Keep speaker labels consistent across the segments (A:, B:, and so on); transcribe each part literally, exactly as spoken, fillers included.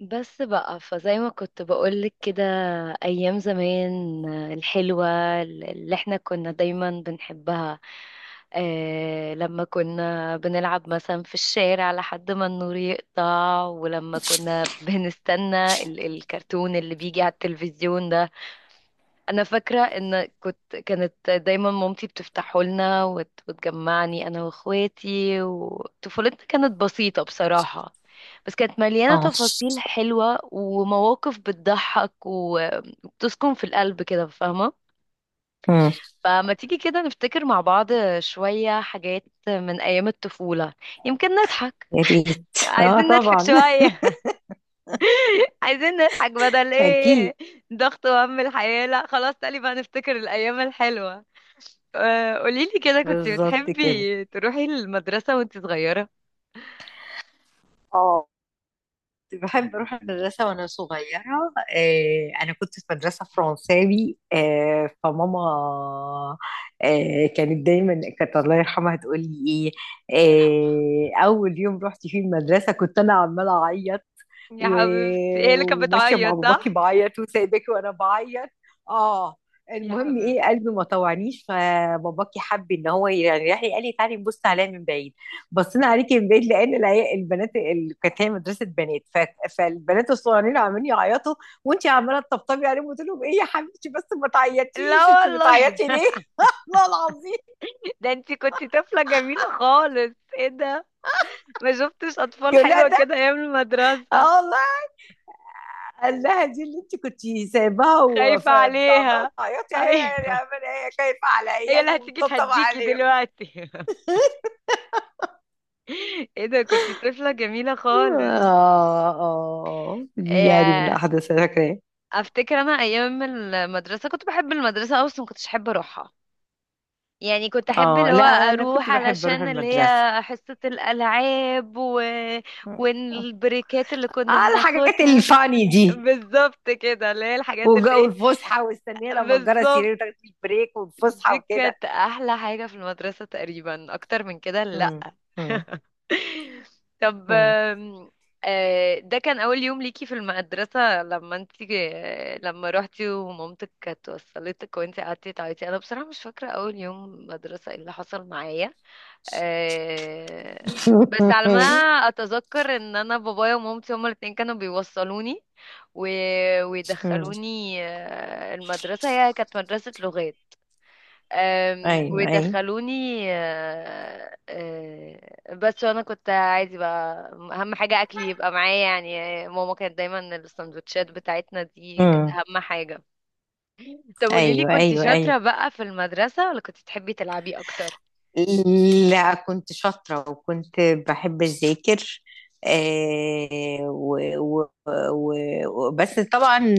A: بس بقى فزي ما كنت بقولك كده. أيام زمان، آه، الحلوة اللي احنا كنا دايما بنحبها. اه، لما كنا بنلعب مثلا في الشارع لحد ما النور يقطع، ولما كنا بنستنى ال- الكرتون اللي بيجي على التلفزيون ده. انا فاكره ان كنت كانت دايما مامتي بتفتحه لنا، وت- وتجمعني انا واخواتي. وطفولتنا كانت بسيطه بصراحه، بس كانت مليانه
B: اه.
A: تفاصيل حلوه ومواقف بتضحك و- وبتسكن في القلب كده، فاهمه؟
B: امم.
A: فما تيجي كده نفتكر مع بعض شويه حاجات من ايام الطفوله، يمكن نضحك.
B: يا ريت. اه
A: عايزين نضحك
B: طبعا.
A: شويه عايزين نضحك بدل ايه؟
B: اكيد.
A: ضغط وهم الحياه؟ لا خلاص، تقريبا هنفتكر الايام الحلوه. آه، قوليلي كده، كنت
B: بالظبط كده.
A: بتحبي تروحي المدرسة وانت صغيرة؟
B: اه. كنت بحب أروح المدرسة وأنا صغيرة. آه، أنا كنت في مدرسة فرنساوي، آه، فماما آه، كانت دايما كانت الله يرحمها تقول لي.
A: الله يرحمها.
B: إيه آه، أول يوم رحت فيه المدرسة كنت أنا عمالة أعيط،
A: يا حبيبتي، هي
B: و-
A: اللي كانت
B: وماشية مع
A: بتعيط
B: باباكي
A: صح؟
B: بعيط وسايباكي وأنا بعيط. آه
A: يا
B: المهم، إيه قلبي
A: حبيبتي.
B: ما طوعنيش، فباباكي حب إن هو يعني راح قال لي تعالي نبص عليها من بعيد. بصينا عليكي من بعيد لان العيا- البنات اللي كانت هي مدرسه بنات، ف- فالبنات الصغيرين عمالين يعيطوا، وانت عماله تطبطبي عليهم، قلت لهم ايه يا حبيبتي بس ما
A: لا
B: تعيطيش، انت
A: والله
B: بتعيطي ليه؟ والله العظيم.
A: ده انت كنت طفلة جميلة خالص. ايه ده! ما شفتش اطفال
B: يقول لها
A: حلوة
B: ده.
A: كده ايام المدرسة.
B: اه والله. قال لها دي اللي انت كنت سايباها
A: خايفة
B: وعماله
A: عليها.
B: تعيطي هي.
A: ايوه.
B: هي خايفه على
A: هي
B: عيال
A: اللي هتيجي
B: وتطبطب
A: تهديكي
B: عليهم.
A: دلوقتي ايه ده، كنت طفلة جميلة خالص.
B: اه اه، دي يعني من
A: يا.
B: الاحداث اللي أنا فاكراها.
A: افتكر انا ايام المدرسة كنت بحب المدرسة أوي، بس ما كنتش احب اروحها. يعني كنت احب
B: اه.
A: اللي هو
B: لا، انا
A: اروح
B: كنت بحب اروح
A: علشان اللي هي
B: المدرسه.
A: حصة الالعاب و... والبريكات اللي كنا
B: آه الحاجات
A: بناخدها.
B: الفاني دي،
A: بالظبط كده، اللي هي الحاجات اللي
B: وجو
A: ايه.
B: الفسحة، واستنيه لما تجرى
A: بالظبط.
B: السرير وتاخد البريك والفسحة
A: دي
B: وكده.
A: كانت احلى حاجة في المدرسة تقريبا، اكتر من كده لا.
B: امم. امم.
A: طب
B: امم.
A: آم، آه، ده كان اول يوم ليكي في المدرسة لما انتي آه، لما روحتي ومامتك كانت وصلتك وانتي قعدتي تعيطي. انا بصراحة مش فاكرة اول يوم مدرسة ايه اللي حصل معايا. آه، بس على ما اتذكر ان انا بابايا ومامتي هما الاتنين كانوا بيوصلوني و...
B: امم.
A: ويدخلوني آه، المدرسة. هي كانت مدرسة لغات. آم،
B: أيوه أيوه.
A: ويدخلوني آه، آه، بس. وانا كنت عادي بقى، اهم حاجة اكلي يبقى معايا، يعني ماما كانت دايما السندوتشات بتاعتنا دي كانت
B: امم.
A: اهم حاجة. طب قوليلي،
B: أيوه
A: كنت
B: أيوه
A: شاطرة
B: أيوه.
A: بقى في المدرسة ولا كنت تحبي تلعبي اكتر؟
B: لا كنت شاطرة وكنت بحب أذاكر. آه و و و وبس طبعا.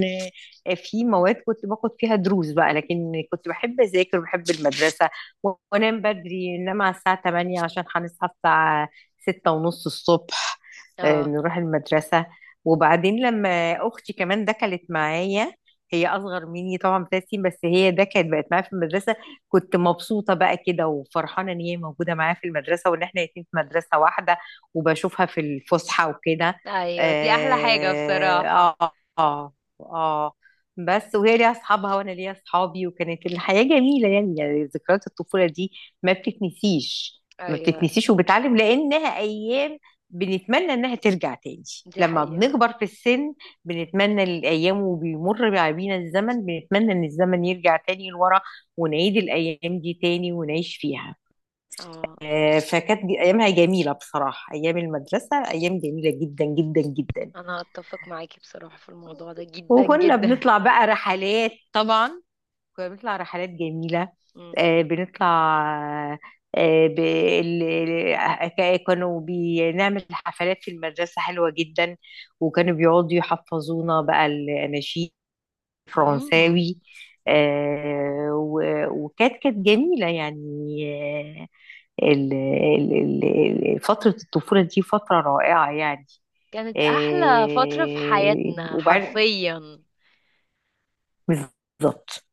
B: آه، في مواد كنت باخد فيها دروس بقى، لكن كنت بحب أذاكر وبحب المدرسة، و- وأنام بدري، إنما على الساعة تمانية عشان هنصحى الساعة ستة ونص الصبح، آه،
A: اه.
B: نروح المدرسة. وبعدين لما أختي كمان دخلت معايا، هي أصغر مني طبعا بثلاث سنين، بس هي ده كانت بقت معايا في المدرسة. كنت مبسوطة بقى كده وفرحانة إن هي موجودة معايا في المدرسة، وإن إحنا الاتنين في مدرسة واحدة، وبشوفها في الفسحة وكده.
A: ايوه، دي احلى حاجة
B: آه
A: بصراحة.
B: آه. آه آه. بس وهي ليها أصحابها وأنا ليا أصحابي، وكانت الحياة جميلة يعني. يعني ذكريات الطفولة دي ما بتتنسيش، ما
A: ايوه،
B: بتتنسيش، وبتعلم، لأنها أيام بنتمنى إنها ترجع تاني
A: دي
B: لما
A: حقيقة.
B: بنكبر في السن. بنتمنى الأيام، وبيمر بينا الزمن، بنتمنى إن الزمن يرجع تاني لورا ونعيد الأيام دي تاني ونعيش فيها.
A: اه،
B: آه، فكانت ج- أيامها جميلة بصراحة، أيام المدرسة أيام جميلة جدا جدا جدا.
A: انا اتفق معاكي بصراحة في الموضوع ده جدا
B: وكنا
A: جدا.
B: بنطلع بقى رحلات طبعا، كنا بنطلع رحلات جميلة.
A: مم.
B: آه، بنطلع آه، ب- ال- ال- ك- كانوا بنعمل حفلات في المدرسة حلوة جدا، وكانوا بيقعدوا يحفظونا بقى الأناشيد
A: مم.
B: الفرنساوي. آه، و- وكانت كانت جميلة يعني. آه، ال- ال- ال- ال- فترة الطفولة دي فترة رائعة يعني.
A: كانت احلى فترة في
B: إيه
A: حياتنا
B: وبعد.
A: حرفيا.
B: بالظبط.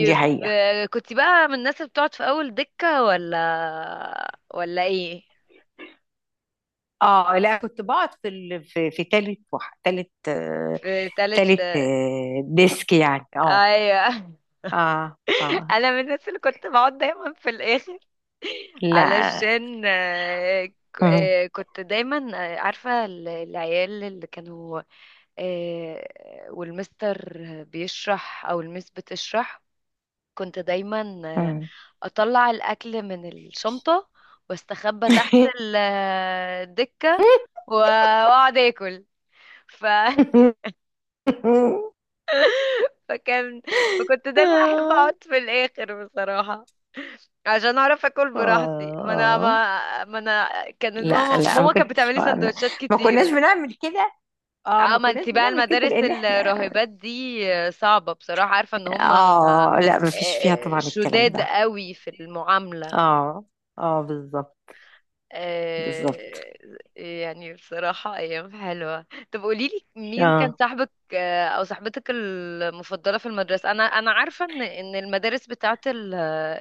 B: دي حقيقة.
A: آه، كنت بقى من الناس اللي بتقعد في اول دكة ولا ولا ايه؟
B: اه، لا كنت بقعد في ال... في في تالت وح... تالت آه،
A: في تالت.
B: تالت آه، ديسك يعني. اه
A: ايوه
B: اه اه.
A: انا من الناس اللي كنت بقعد دايما في الاخر
B: لا.
A: علشان آه، ك-
B: مم.
A: آه، كنت دايما آه، عارفة ال- العيال اللي كانوا آه، والمستر بيشرح او المس بتشرح، كنت دايما آه،
B: مم.
A: اطلع الاكل من الشنطة، واستخبى تحت ال- آه، الدكة و- واقعد اكل ف... فكان، فكنت دايما احب اقعد
B: آه.
A: في الاخر بصراحة، عشان اعرف اكل براحتي. ما انا
B: آه.
A: ما, ما انا كانت
B: لا
A: ماما
B: لا، ما
A: ماما كانت
B: كنتش
A: بتعملي
B: ما
A: سندوتشات
B: ما كناش
A: كتيره.
B: بنعمل كده. اه
A: اه،
B: ما
A: ما
B: كناش
A: انت بقى
B: بنعمل كده
A: المدارس
B: لان احنا.
A: الراهبات دي صعبه بصراحه، عارفه ان هم آه،
B: اه. لا. ما فيش فيها
A: آه،
B: طبعا الكلام
A: شداد
B: ده.
A: قوي في المعامله.
B: اه اه بالظبط. بالظبط.
A: آه. يعني بصراحة أيام حلوة. طب قوليلي، مين كان
B: اه
A: صاحبك آه أو صاحبتك المفضلة في المدرسة؟ أنا أنا عارفة إن إن المدارس بتاعة ال-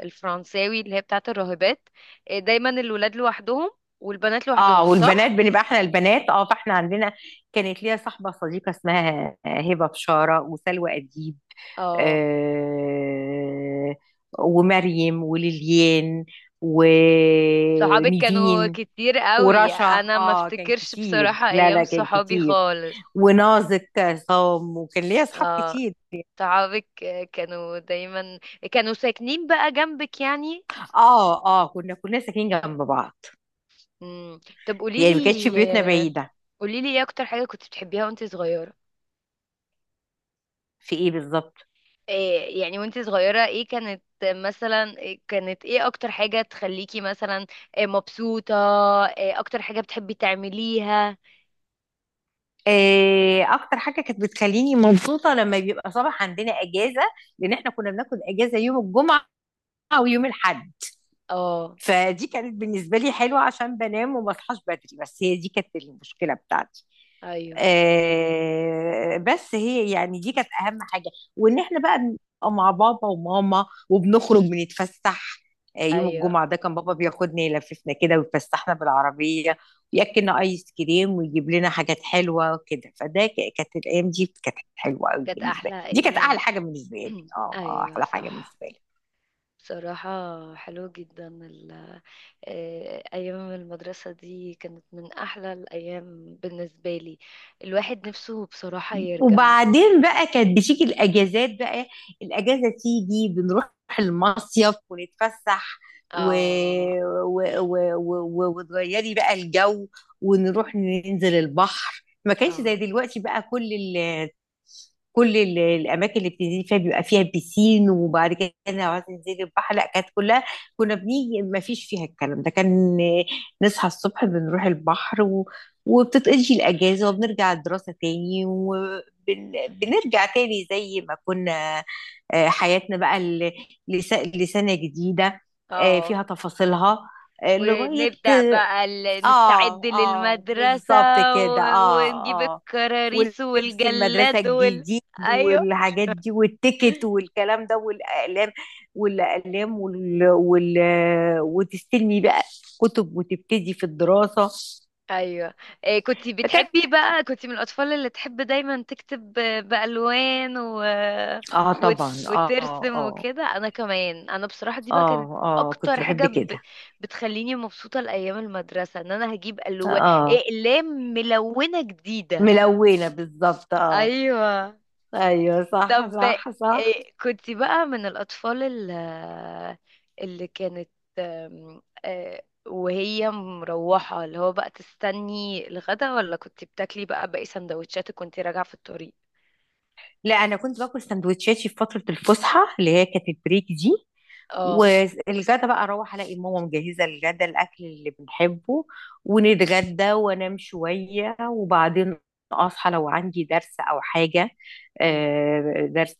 A: الفرنساوي اللي هي بتاعة الراهبات، آه، دايما الولاد لوحدهم والبنات لوحدهم
B: اه. والبنات
A: صح؟
B: بنبقى احنا البنات، اه فاحنا عندنا كانت ليا صاحبة صديقة اسمها هبة بشارة، وسلوى أديب،
A: اه.
B: آه ومريم، وليليان،
A: صحابك كانوا
B: ونيفين،
A: كتير قوي،
B: ورشا.
A: أنا ما
B: اه كان
A: افتكرش
B: كتير.
A: بصراحة
B: لا
A: أيام
B: لا كان
A: صحابي
B: كتير.
A: خالص.
B: ونازك عصام، وكان ليا اصحاب
A: اه،
B: كتير.
A: صحابك آه، كانوا دايما كانوا ساكنين بقى جنبك يعني؟
B: اه اه، كنا كلنا ساكنين جنب بعض،
A: مم. طب قولي
B: يعني ما كانتش بيوتنا
A: لي
B: بعيدة.
A: قولي لي، ايه اكتر حاجة كنت بتحبيها وانت صغيرة؟
B: في ايه بالظبط.
A: إيه يعني وانت صغيرة ايه كانت مثلا؟ إيه كانت ايه اكتر حاجة تخليكي مثلا إيه مبسوطة؟ إيه اكتر حاجة بتحبي تعمليها؟
B: إيه اكتر حاجة كانت بتخليني مبسوطة لما بيبقى صباح عندنا اجازة، لان احنا كنا بناخد اجازة يوم الجمعة ويوم الاحد.
A: اه.
B: فدي كانت بالنسبة لي حلوة عشان بنام وما اصحاش بدري، بس هي دي كانت المشكلة بتاعتي.
A: ايوه
B: آه، بس هي يعني دي كانت اهم حاجه، وان احنا بقى نبقى مع بابا وماما وبنخرج بنتفسح. آه، يوم
A: ايوه.
B: الجمعه ده كان بابا بياخدنا يلففنا كده ويفسحنا بالعربيه، وياكلنا ايس كريم ويجيب لنا حاجات حلوه كده. فده ك- كانت الايام دي كانت حلوه قوي
A: كانت
B: بالنسبه لي،
A: احلى
B: دي كانت احلى
A: ايام
B: حاجه بالنسبه لي. اه آه،
A: ايوه
B: احلى حاجه
A: صح،
B: بالنسبه لي.
A: بصراحة. حلو جدا ال- إيه، أيام المدرسة دي كانت من أحلى الأيام بالنسبة لي. الواحد نفسه بصراحة يرجع.
B: وبعدين بقى كانت بتيجي الاجازات بقى، الاجازه تيجي بنروح المصيف ونتفسح، و...
A: اه
B: و... و... و... و... وتغيري بقى الجو. ونروح ننزل البحر، ما كانش
A: اه
B: زي دلوقتي بقى. كل ال... كل ال- الاماكن اللي بتنزلي فيها بيبقى فيها بيسين، وبعد كده لو عايزه تنزلي البحر لا كانت كلها. كنا بنيجي ما فيش فيها الكلام ده، كان نصحى الصبح بنروح البحر و... وبتتقضي الاجازه، وبنرجع الدراسه تاني، وبنرجع تاني زي ما كنا. آه، حياتنا بقى ال- لس- لسنه جديده آه،
A: اه.
B: فيها تفاصيلها آه، لغايه.
A: ونبدأ بقى ال- نستعد
B: اه اه
A: للمدرسة
B: بالظبط
A: و...
B: كده اه
A: ونجيب
B: اه.
A: الكراريس
B: ولبس المدرسة
A: والجلاد وال...
B: الجديد،
A: ايوه
B: والحاجات دي والتيكت والكلام ده، والأقلام والأقلام وال... وال... وتستلمي بقى كتب وتبتدي في الدراسة.
A: ايوه. إيه، كنت
B: فكانت.
A: بتحبي بقى، كنت من الأطفال اللي تحب دايما تكتب ب- بألوان و...
B: اه
A: وت...
B: طبعا. اه
A: وترسم
B: اه
A: وكده؟ انا كمان، انا بصراحة دي بقى كانت
B: اه اه كنت
A: اكتر
B: بحب
A: حاجة ب...
B: كده.
A: بتخليني مبسوطة لأيام المدرسة، ان انا هجيب ألوان
B: اه
A: إقلام ملونة جديدة.
B: ملونة بالظبط. اه
A: ايوه.
B: ايوه صح
A: طب
B: صح صح.
A: إيه، كنت بقى من الأطفال ال- اللي كانت أم، آه، وهي مروحة اللي هو بقى تستني الغدا، ولا كنت بتاكلي بقى باقي سندوتشاتك وانت راجعة في الطريق؟
B: لا انا كنت باكل سندوتشاتي في فترة الفسحة اللي هي كانت البريك دي.
A: اه.
B: والغدا بقى اروح الاقي ماما مجهزه الغدا الاكل اللي بنحبه، ونتغدى وانام شويه، وبعدين اصحى لو عندي درس او حاجه.
A: مم.
B: آه، درس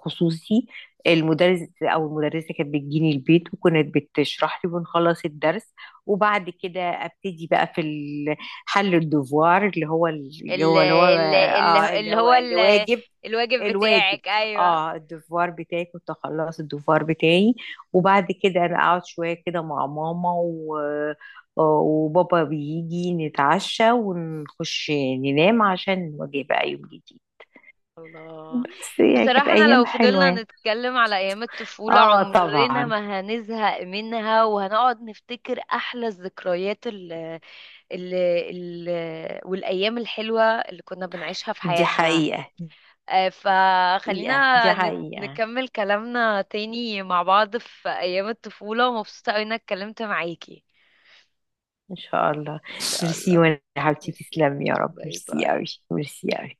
B: خصوصي. المدرس او المدرسه كانت بتجيني البيت وكانت بتشرح لي ونخلص الدرس. وبعد كده ابتدي بقى في ال- حل الدوفوار اللي هو اللي
A: ال-
B: هو اللي هو
A: ال- ال-
B: آه اللي
A: اللي
B: هو
A: هو
B: اللي
A: ال-
B: واجب.
A: الواجب
B: الواجب.
A: بتاعك ايوه.
B: اه الدفوار بتاعي كنت اخلص الدفوار بتاعي، وبعد كده انا اقعد شويه كده مع ماما، و... وبابا بيجي نتعشى ونخش ننام عشان نواجه بقى يوم جديد.
A: الله.
B: بس يعني كانت
A: بصراحة أنا
B: ايام
A: لو
B: حلوه
A: فضلنا
B: يعني.
A: نتكلم على أيام الطفولة
B: اه
A: عمرنا
B: طبعا.
A: ما هنزهق منها، وهنقعد نفتكر أحلى الذكريات اللي ال ال والأيام الحلوة اللي كنا بنعيشها في
B: دي
A: حياتنا.
B: حقيقه.
A: آه،
B: حقيقه دي
A: فخلينا نت-
B: حقيقه.
A: نكمل كلامنا تاني مع بعض في أيام الطفولة، ومبسوطة أوي إنك اتكلمت معاكي.
B: ان شاء الله.
A: إن شاء
B: ميرسي،
A: الله.
B: وانا يا حبيبتي
A: ميرسي.
B: تسلمي يا رب،
A: باي
B: ميرسي
A: باي.
B: قوي. ميرسي قوي.